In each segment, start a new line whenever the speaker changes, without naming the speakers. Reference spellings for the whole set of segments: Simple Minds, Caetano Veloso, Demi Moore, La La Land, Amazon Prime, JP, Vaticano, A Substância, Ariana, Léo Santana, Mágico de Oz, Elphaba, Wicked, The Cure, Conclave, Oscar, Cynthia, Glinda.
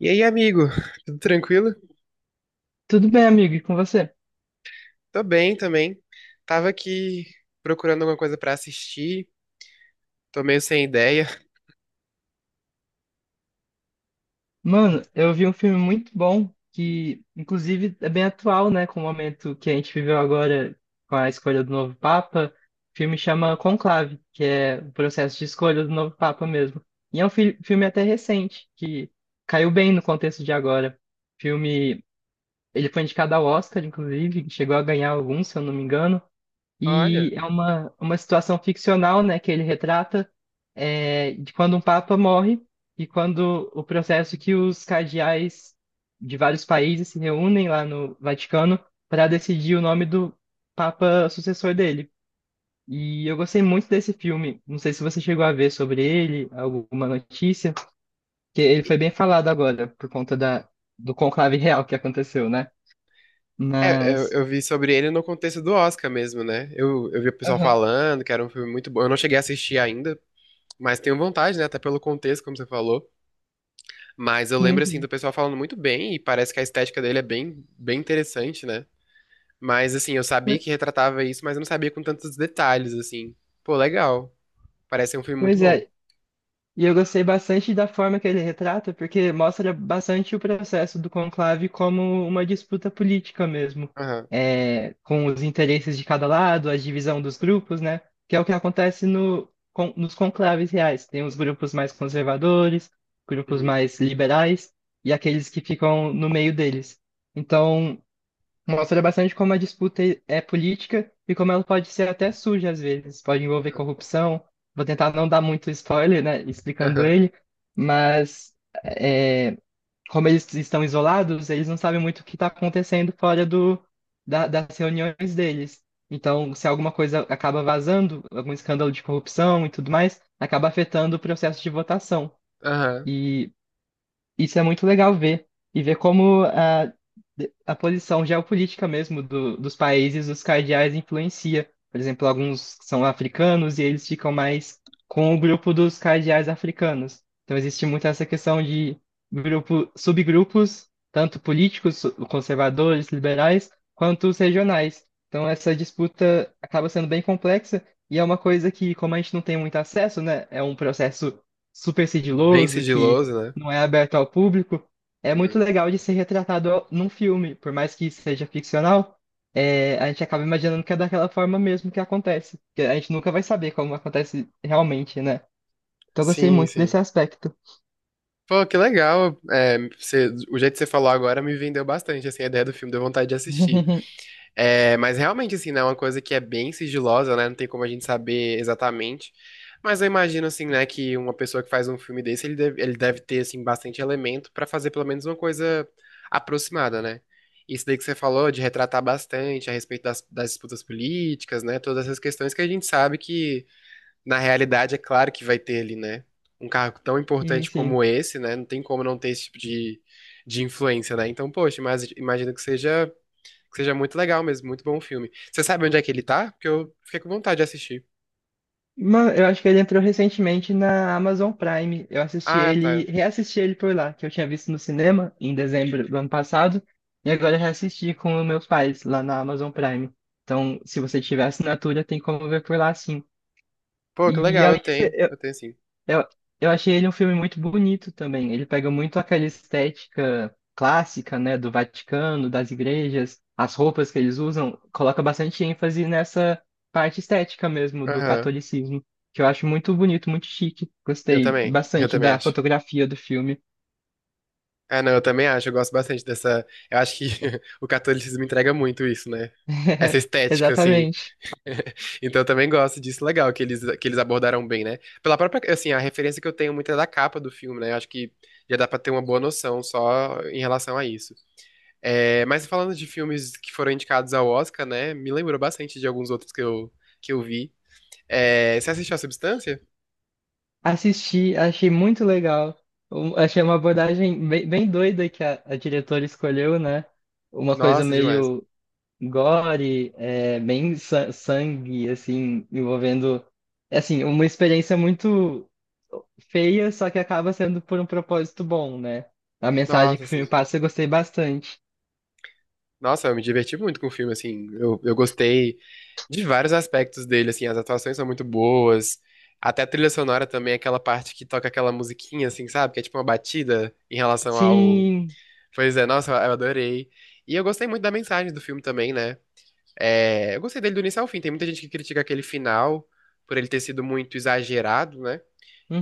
E aí, amigo? Tudo tranquilo?
Tudo bem, amigo, e com você?
Tô bem também. Tava aqui procurando alguma coisa pra assistir, tô meio sem ideia.
Mano, eu vi um filme muito bom que, inclusive, é bem atual, né, com o momento que a gente viveu agora com a escolha do novo Papa. O filme chama Conclave, que é o processo de escolha do novo Papa mesmo. E é um filme até recente, que caiu bem no contexto de agora. Filme, ele foi indicado ao Oscar, inclusive, chegou a ganhar alguns, se eu não me engano.
Olha,
E é uma situação ficcional, né, que ele retrata de quando um papa morre e quando o processo que os cardeais de vários países se reúnem lá no Vaticano para decidir o nome do papa sucessor dele. E eu gostei muito desse filme. Não sei se você chegou a ver sobre ele, alguma notícia, que ele foi bem falado agora por conta da, do conclave real que aconteceu, né?
é, eu,
Mas.
eu vi sobre ele no contexto do Oscar mesmo, né? Eu vi o pessoal
Aham,
falando que era um filme muito bom. Eu não cheguei a assistir ainda, mas tenho vontade, né? Até pelo contexto, como você falou. Mas eu lembro,
sim,
assim,
sim.
do pessoal falando muito bem e parece que a estética dele é bem interessante, né? Mas, assim, eu sabia
Pois
que retratava isso, mas eu não sabia com tantos detalhes, assim. Pô, legal. Parece ser um filme muito
pois
bom.
é, E eu gostei bastante da forma que ele retrata, porque mostra bastante o processo do conclave como uma disputa política mesmo,
Aham.
é, com os interesses de cada lado, a divisão dos grupos, né? Que é o que acontece no, nos conclaves reais. Tem os grupos mais conservadores, grupos
Uhum.
mais liberais e aqueles que ficam no meio deles. Então, mostra bastante como a disputa é política e como ela pode ser até suja às vezes, pode envolver corrupção. Vou tentar não dar muito spoiler, né, explicando
Aham.
ele, mas é, como eles estão isolados, eles não sabem muito o que está acontecendo fora do, das reuniões deles. Então, se alguma coisa acaba vazando, algum escândalo de corrupção e tudo mais, acaba afetando o processo de votação.
Aham.
E isso é muito legal ver. E ver como a posição geopolítica mesmo do, dos países, os cardeais, influencia. Por exemplo, alguns são africanos e eles ficam mais com o grupo dos cardeais africanos. Então, existe muito essa questão de grupo, subgrupos, tanto políticos, conservadores, liberais, quanto os regionais. Então, essa disputa acaba sendo bem complexa e é uma coisa que, como a gente não tem muito acesso, né, é um processo super
Bem
sigiloso que
sigiloso, né?
não é aberto ao público, é muito
Uhum.
legal de ser retratado num filme, por mais que seja ficcional, é, a gente acaba imaginando que é daquela forma mesmo que acontece, porque a gente nunca vai saber como acontece realmente, né? Então eu gostei
Sim,
muito
sim.
desse aspecto.
Pô, que legal. É, você- o jeito que você falou agora me vendeu bastante, assim, a ideia do filme, deu vontade de assistir. É, mas realmente, assim, né, é uma coisa que é bem sigilosa, né? Não tem como a gente saber exatamente. Mas eu imagino, assim, né, que uma pessoa que faz um filme desse, ele deve ter, assim, bastante elemento pra fazer pelo menos uma coisa aproximada, né? Isso daí que você falou, de retratar bastante a respeito das disputas políticas, né? Todas essas questões que a gente sabe que, na realidade, é claro que vai ter ali, né? Um cargo tão
Sim,
importante
sim.
como esse, né? Não tem como não ter esse tipo de influência, né? Então, poxa, mas imagino que seja muito legal mesmo, muito bom o filme. Você sabe onde é que ele tá? Porque eu fiquei com vontade de assistir.
Mano, eu acho que ele entrou recentemente na Amazon Prime. Eu assisti
Ah,
ele,
tá.
reassisti ele por lá, que eu tinha visto no cinema em dezembro do ano passado, e agora eu reassisti com meus pais lá na Amazon Prime. Então, se você tiver assinatura, tem como ver por lá, sim.
Pô, que
E
legal, eu
além disso,
tenho. Eu tenho sim.
eu, eu achei ele um filme muito bonito também. Ele pega muito aquela estética clássica, né, do Vaticano, das igrejas, as roupas que eles usam, coloca bastante ênfase nessa parte estética mesmo do
Aham.
catolicismo, que eu acho muito bonito, muito chique.
Eu
Gostei
também. Eu
bastante
também
da
acho.
fotografia do filme.
Ah, não, eu também acho. Eu gosto bastante dessa. Eu acho que o catolicismo entrega muito isso, né? Essa estética, assim.
Exatamente.
Então eu também gosto disso. Legal que eles abordaram bem, né? Pela própria. Assim, a referência que eu tenho muito é da capa do filme, né? Eu acho que já dá pra ter uma boa noção só em relação a isso. É, mas falando de filmes que foram indicados ao Oscar, né? Me lembrou bastante de alguns outros que eu vi. É, você assistiu A Substância?
Assisti, achei muito legal. Achei uma abordagem bem, bem doida que a diretora escolheu, né? Uma coisa
Nossa, demais.
meio gore, é, bem sangue, assim, envolvendo, é, assim, uma experiência muito feia, só que acaba sendo por um propósito bom, né? A mensagem
Nossa,
que o
assim.
filme passa eu gostei bastante.
Nossa, eu me diverti muito com o filme, assim. Eu gostei de vários aspectos dele, assim. As atuações são muito boas. Até a trilha sonora também, aquela parte que toca aquela musiquinha, assim, sabe? Que é tipo uma batida em relação ao.
Sim,
Pois é, nossa, eu adorei. E eu gostei muito da mensagem do filme também, né? É, eu gostei dele do início ao fim. Tem muita gente que critica aquele final por ele ter sido muito exagerado, né?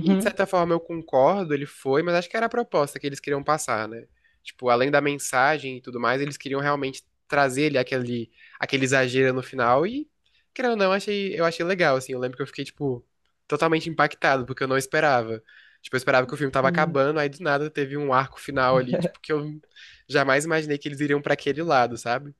E de certa forma eu concordo, ele foi, mas acho que era a proposta que eles queriam passar, né? Tipo, além da mensagem e tudo mais, eles queriam realmente trazer aquele exagero no final e, querendo ou não, eu achei legal, assim. Eu lembro que eu fiquei, tipo, totalmente impactado, porque eu não esperava. Tipo, eu esperava que o filme tava
sim.
acabando, aí do nada teve um arco final ali, tipo, que eu jamais imaginei que eles iriam pra aquele lado, sabe?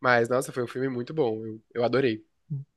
Mas, nossa, foi um filme muito bom. Eu adorei.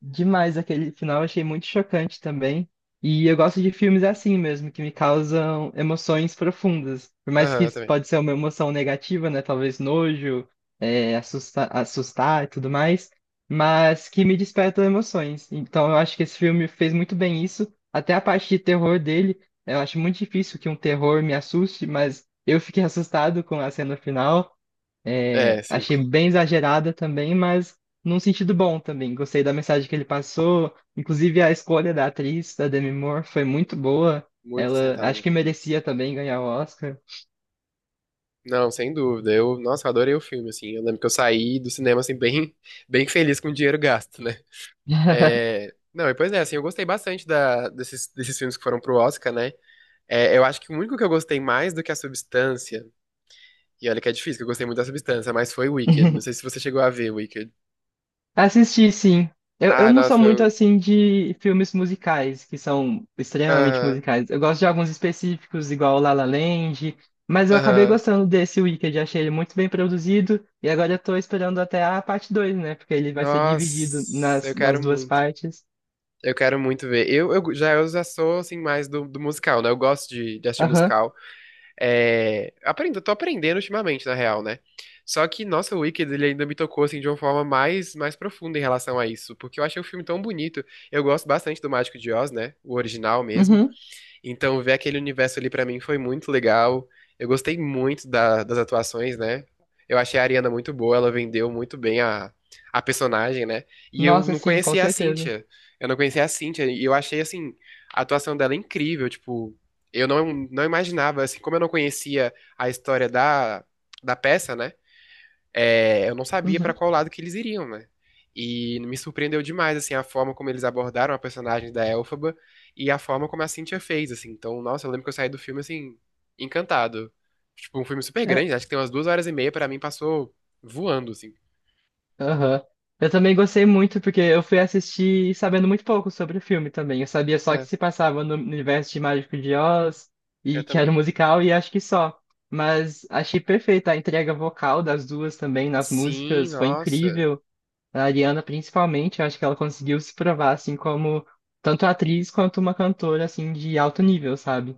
Demais aquele final, achei muito chocante também. E eu gosto de filmes assim mesmo, que me causam emoções profundas. Por mais
Aham,
que
eu
isso
também.
pode ser uma emoção negativa, né? Talvez nojo, é, assustar e tudo mais, mas que me despertam emoções. Então eu acho que esse filme fez muito bem isso. Até a parte de terror dele, eu acho muito difícil que um terror me assuste, mas eu fiquei assustado com a cena final. É,
É, sim.
achei bem exagerada também, mas num sentido bom também. Gostei da mensagem que ele passou. Inclusive, a escolha da atriz, da Demi Moore, foi muito boa.
Muito
Ela
acertada,
acho
né?
que merecia também ganhar o Oscar.
Não, sem dúvida. Eu, nossa, eu adorei o filme, assim. Eu lembro que eu saí do cinema, assim, bem, bem feliz com o dinheiro gasto, né? É... Não, e pois é, assim, eu gostei bastante desses, desses filmes que foram pro Oscar, né? É, eu acho que o único que eu gostei mais do que a Substância, e olha que é difícil, que eu gostei muito da Substância, mas foi Wicked. Não sei se você chegou a ver Wicked.
Assisti, sim. Eu,
Ah,
não sou
nossa,
muito
eu...
assim de filmes musicais, que são extremamente
Aham,
musicais. Eu gosto de alguns específicos, igual La La Land, mas eu acabei
aham.
gostando desse Wicked, achei ele muito bem produzido, e agora eu tô esperando até a parte dois, né? Porque ele vai ser dividido
Nossa, eu
nas
quero
duas
muito.
partes.
Eu quero muito ver. Eu já sou assim mais do, do musical, né? Eu gosto de assistir
Aham.
musical. É, aprendo, eu tô aprendendo ultimamente, na real, né? Só que, nossa, o Wicked, ele ainda me tocou assim de uma forma mais profunda em relação a isso, porque eu achei o filme tão bonito. Eu gosto bastante do Mágico de Oz, né? O original mesmo.
Uhum.
Então, ver aquele universo ali pra mim foi muito legal. Eu gostei muito da- das atuações, né? Eu achei a Ariana muito boa, ela vendeu muito bem a personagem, né? E eu
Nossa,
não
sim, com
conhecia a
certeza.
Cynthia. Eu não conhecia a Cynthia e eu achei, assim, a atuação dela incrível. Tipo, eu não imaginava, assim, como eu não conhecia a história da, da peça, né? É, eu não sabia pra
Uhum.
qual lado que eles iriam, né? E me surpreendeu demais, assim, a forma como eles abordaram a personagem da Elphaba e a forma como a Cynthia fez, assim. Então, nossa, eu lembro que eu saí do filme, assim, encantado. Tipo, um filme super grande, acho que tem umas 2 horas e meia, pra mim passou voando, assim.
Aham. Eu também gostei muito porque eu fui assistir sabendo muito pouco sobre o filme também. Eu sabia só que
É,
se passava no universo de Mágico de Oz
eu
e que era
também.
um musical e acho que só. Mas achei perfeita a entrega vocal das duas também nas
Sim,
músicas, foi
nossa.
incrível. A Ariana principalmente, eu acho que ela conseguiu se provar assim como tanto atriz quanto uma cantora assim de alto nível, sabe?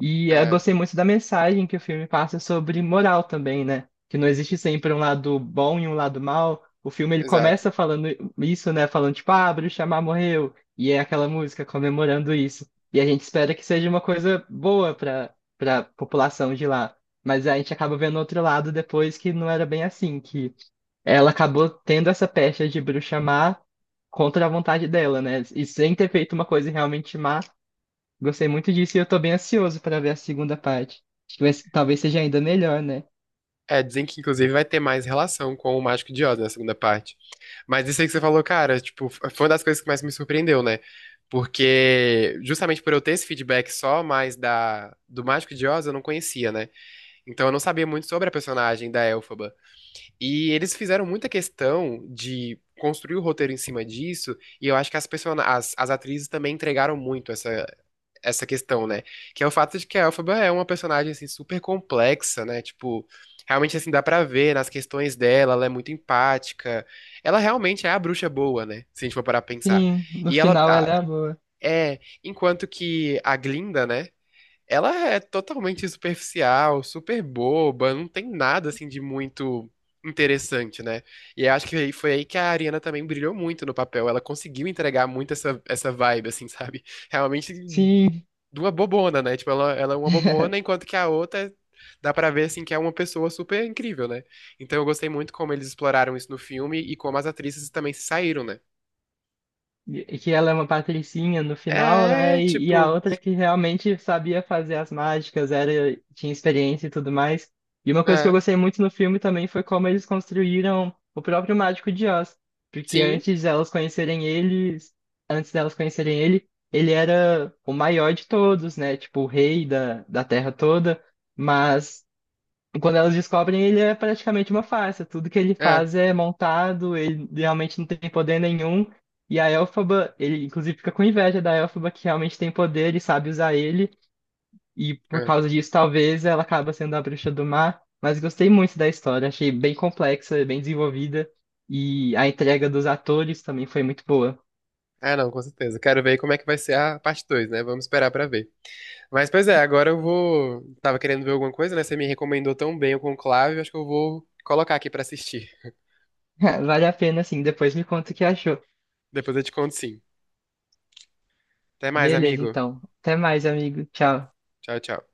E eu
É,
gostei muito da mensagem que o filme passa sobre moral também, né? Que não existe sempre um lado bom e um lado mal. O filme ele
exato.
começa falando isso, né? Falando tipo, ah, Bruxa Má morreu. E é aquela música comemorando isso. E a gente espera que seja uma coisa boa para população de lá. Mas a gente acaba vendo outro lado depois que não era bem assim, que ela acabou tendo essa pecha de bruxa má contra a vontade dela, né? E sem ter feito uma coisa realmente má, gostei muito disso e eu tô bem ansioso pra ver a segunda parte. Acho que talvez seja ainda melhor, né?
É, dizem que inclusive vai ter mais relação com o Mágico de Oz na segunda parte. Mas isso aí que você falou, cara, tipo, foi uma das coisas que mais me surpreendeu, né? Porque justamente por eu ter esse feedback só mais da do Mágico de Oz, eu não conhecia, né? Então eu não sabia muito sobre a personagem da Elphaba. E eles fizeram muita questão de construir o roteiro em cima disso, e eu acho que as atrizes também entregaram muito essa questão, né? Que é o fato de que a Elphaba é uma personagem assim super complexa, né? Tipo, realmente assim dá pra ver nas questões dela, ela é muito empática. Ela realmente é a bruxa boa, né? Se a gente for parar pra pensar.
Sim, no
E ela
final ela
ah,
é a boa.
é, enquanto que a Glinda, né? Ela é totalmente superficial, super boba, não tem nada assim de muito interessante, né? E eu acho que aí- foi aí que a Ariana também brilhou muito no papel. Ela conseguiu entregar muito essa vibe, assim, sabe? Realmente
Sim.
duas bobona, né? Tipo, ela é uma bobona, enquanto que a outra dá pra ver assim que é uma pessoa super incrível, né? Então eu gostei muito como eles exploraram isso no filme e como as atrizes também se saíram, né?
Que ela é uma patricinha no final,
É,
né? E a
tipo,
outra que realmente sabia fazer as mágicas, era, tinha experiência e tudo mais. E uma coisa que eu
é,
gostei muito no filme também foi como eles construíram o próprio Mágico de Oz, porque
sim,
antes delas conhecerem eles, antes delas conhecerem ele, ele era o maior de todos, né? Tipo, o rei da terra toda, mas quando elas descobrem, ele é praticamente uma farsa. Tudo que ele
é,
faz é montado, ele realmente não tem poder nenhum. E a Elphaba, ele inclusive fica com inveja da Elphaba, que realmente tem poder e sabe usar ele. E por
é.
causa disso, talvez ela acaba sendo a bruxa do mar. Mas gostei muito da história, achei bem complexa, bem desenvolvida. E a entrega dos atores também foi muito boa.
Ah, não, com certeza. Quero ver como é que vai ser a parte 2, né? Vamos esperar pra ver. Mas, pois é, agora eu vou. Tava querendo ver alguma coisa, né? Você me recomendou tão bem o Conclave, acho que eu vou colocar aqui pra assistir.
Vale a pena, assim, depois me conta o que achou.
Depois eu te conto sim. Até mais,
Beleza,
amigo.
então. Até mais, amigo. Tchau.
Tchau, tchau.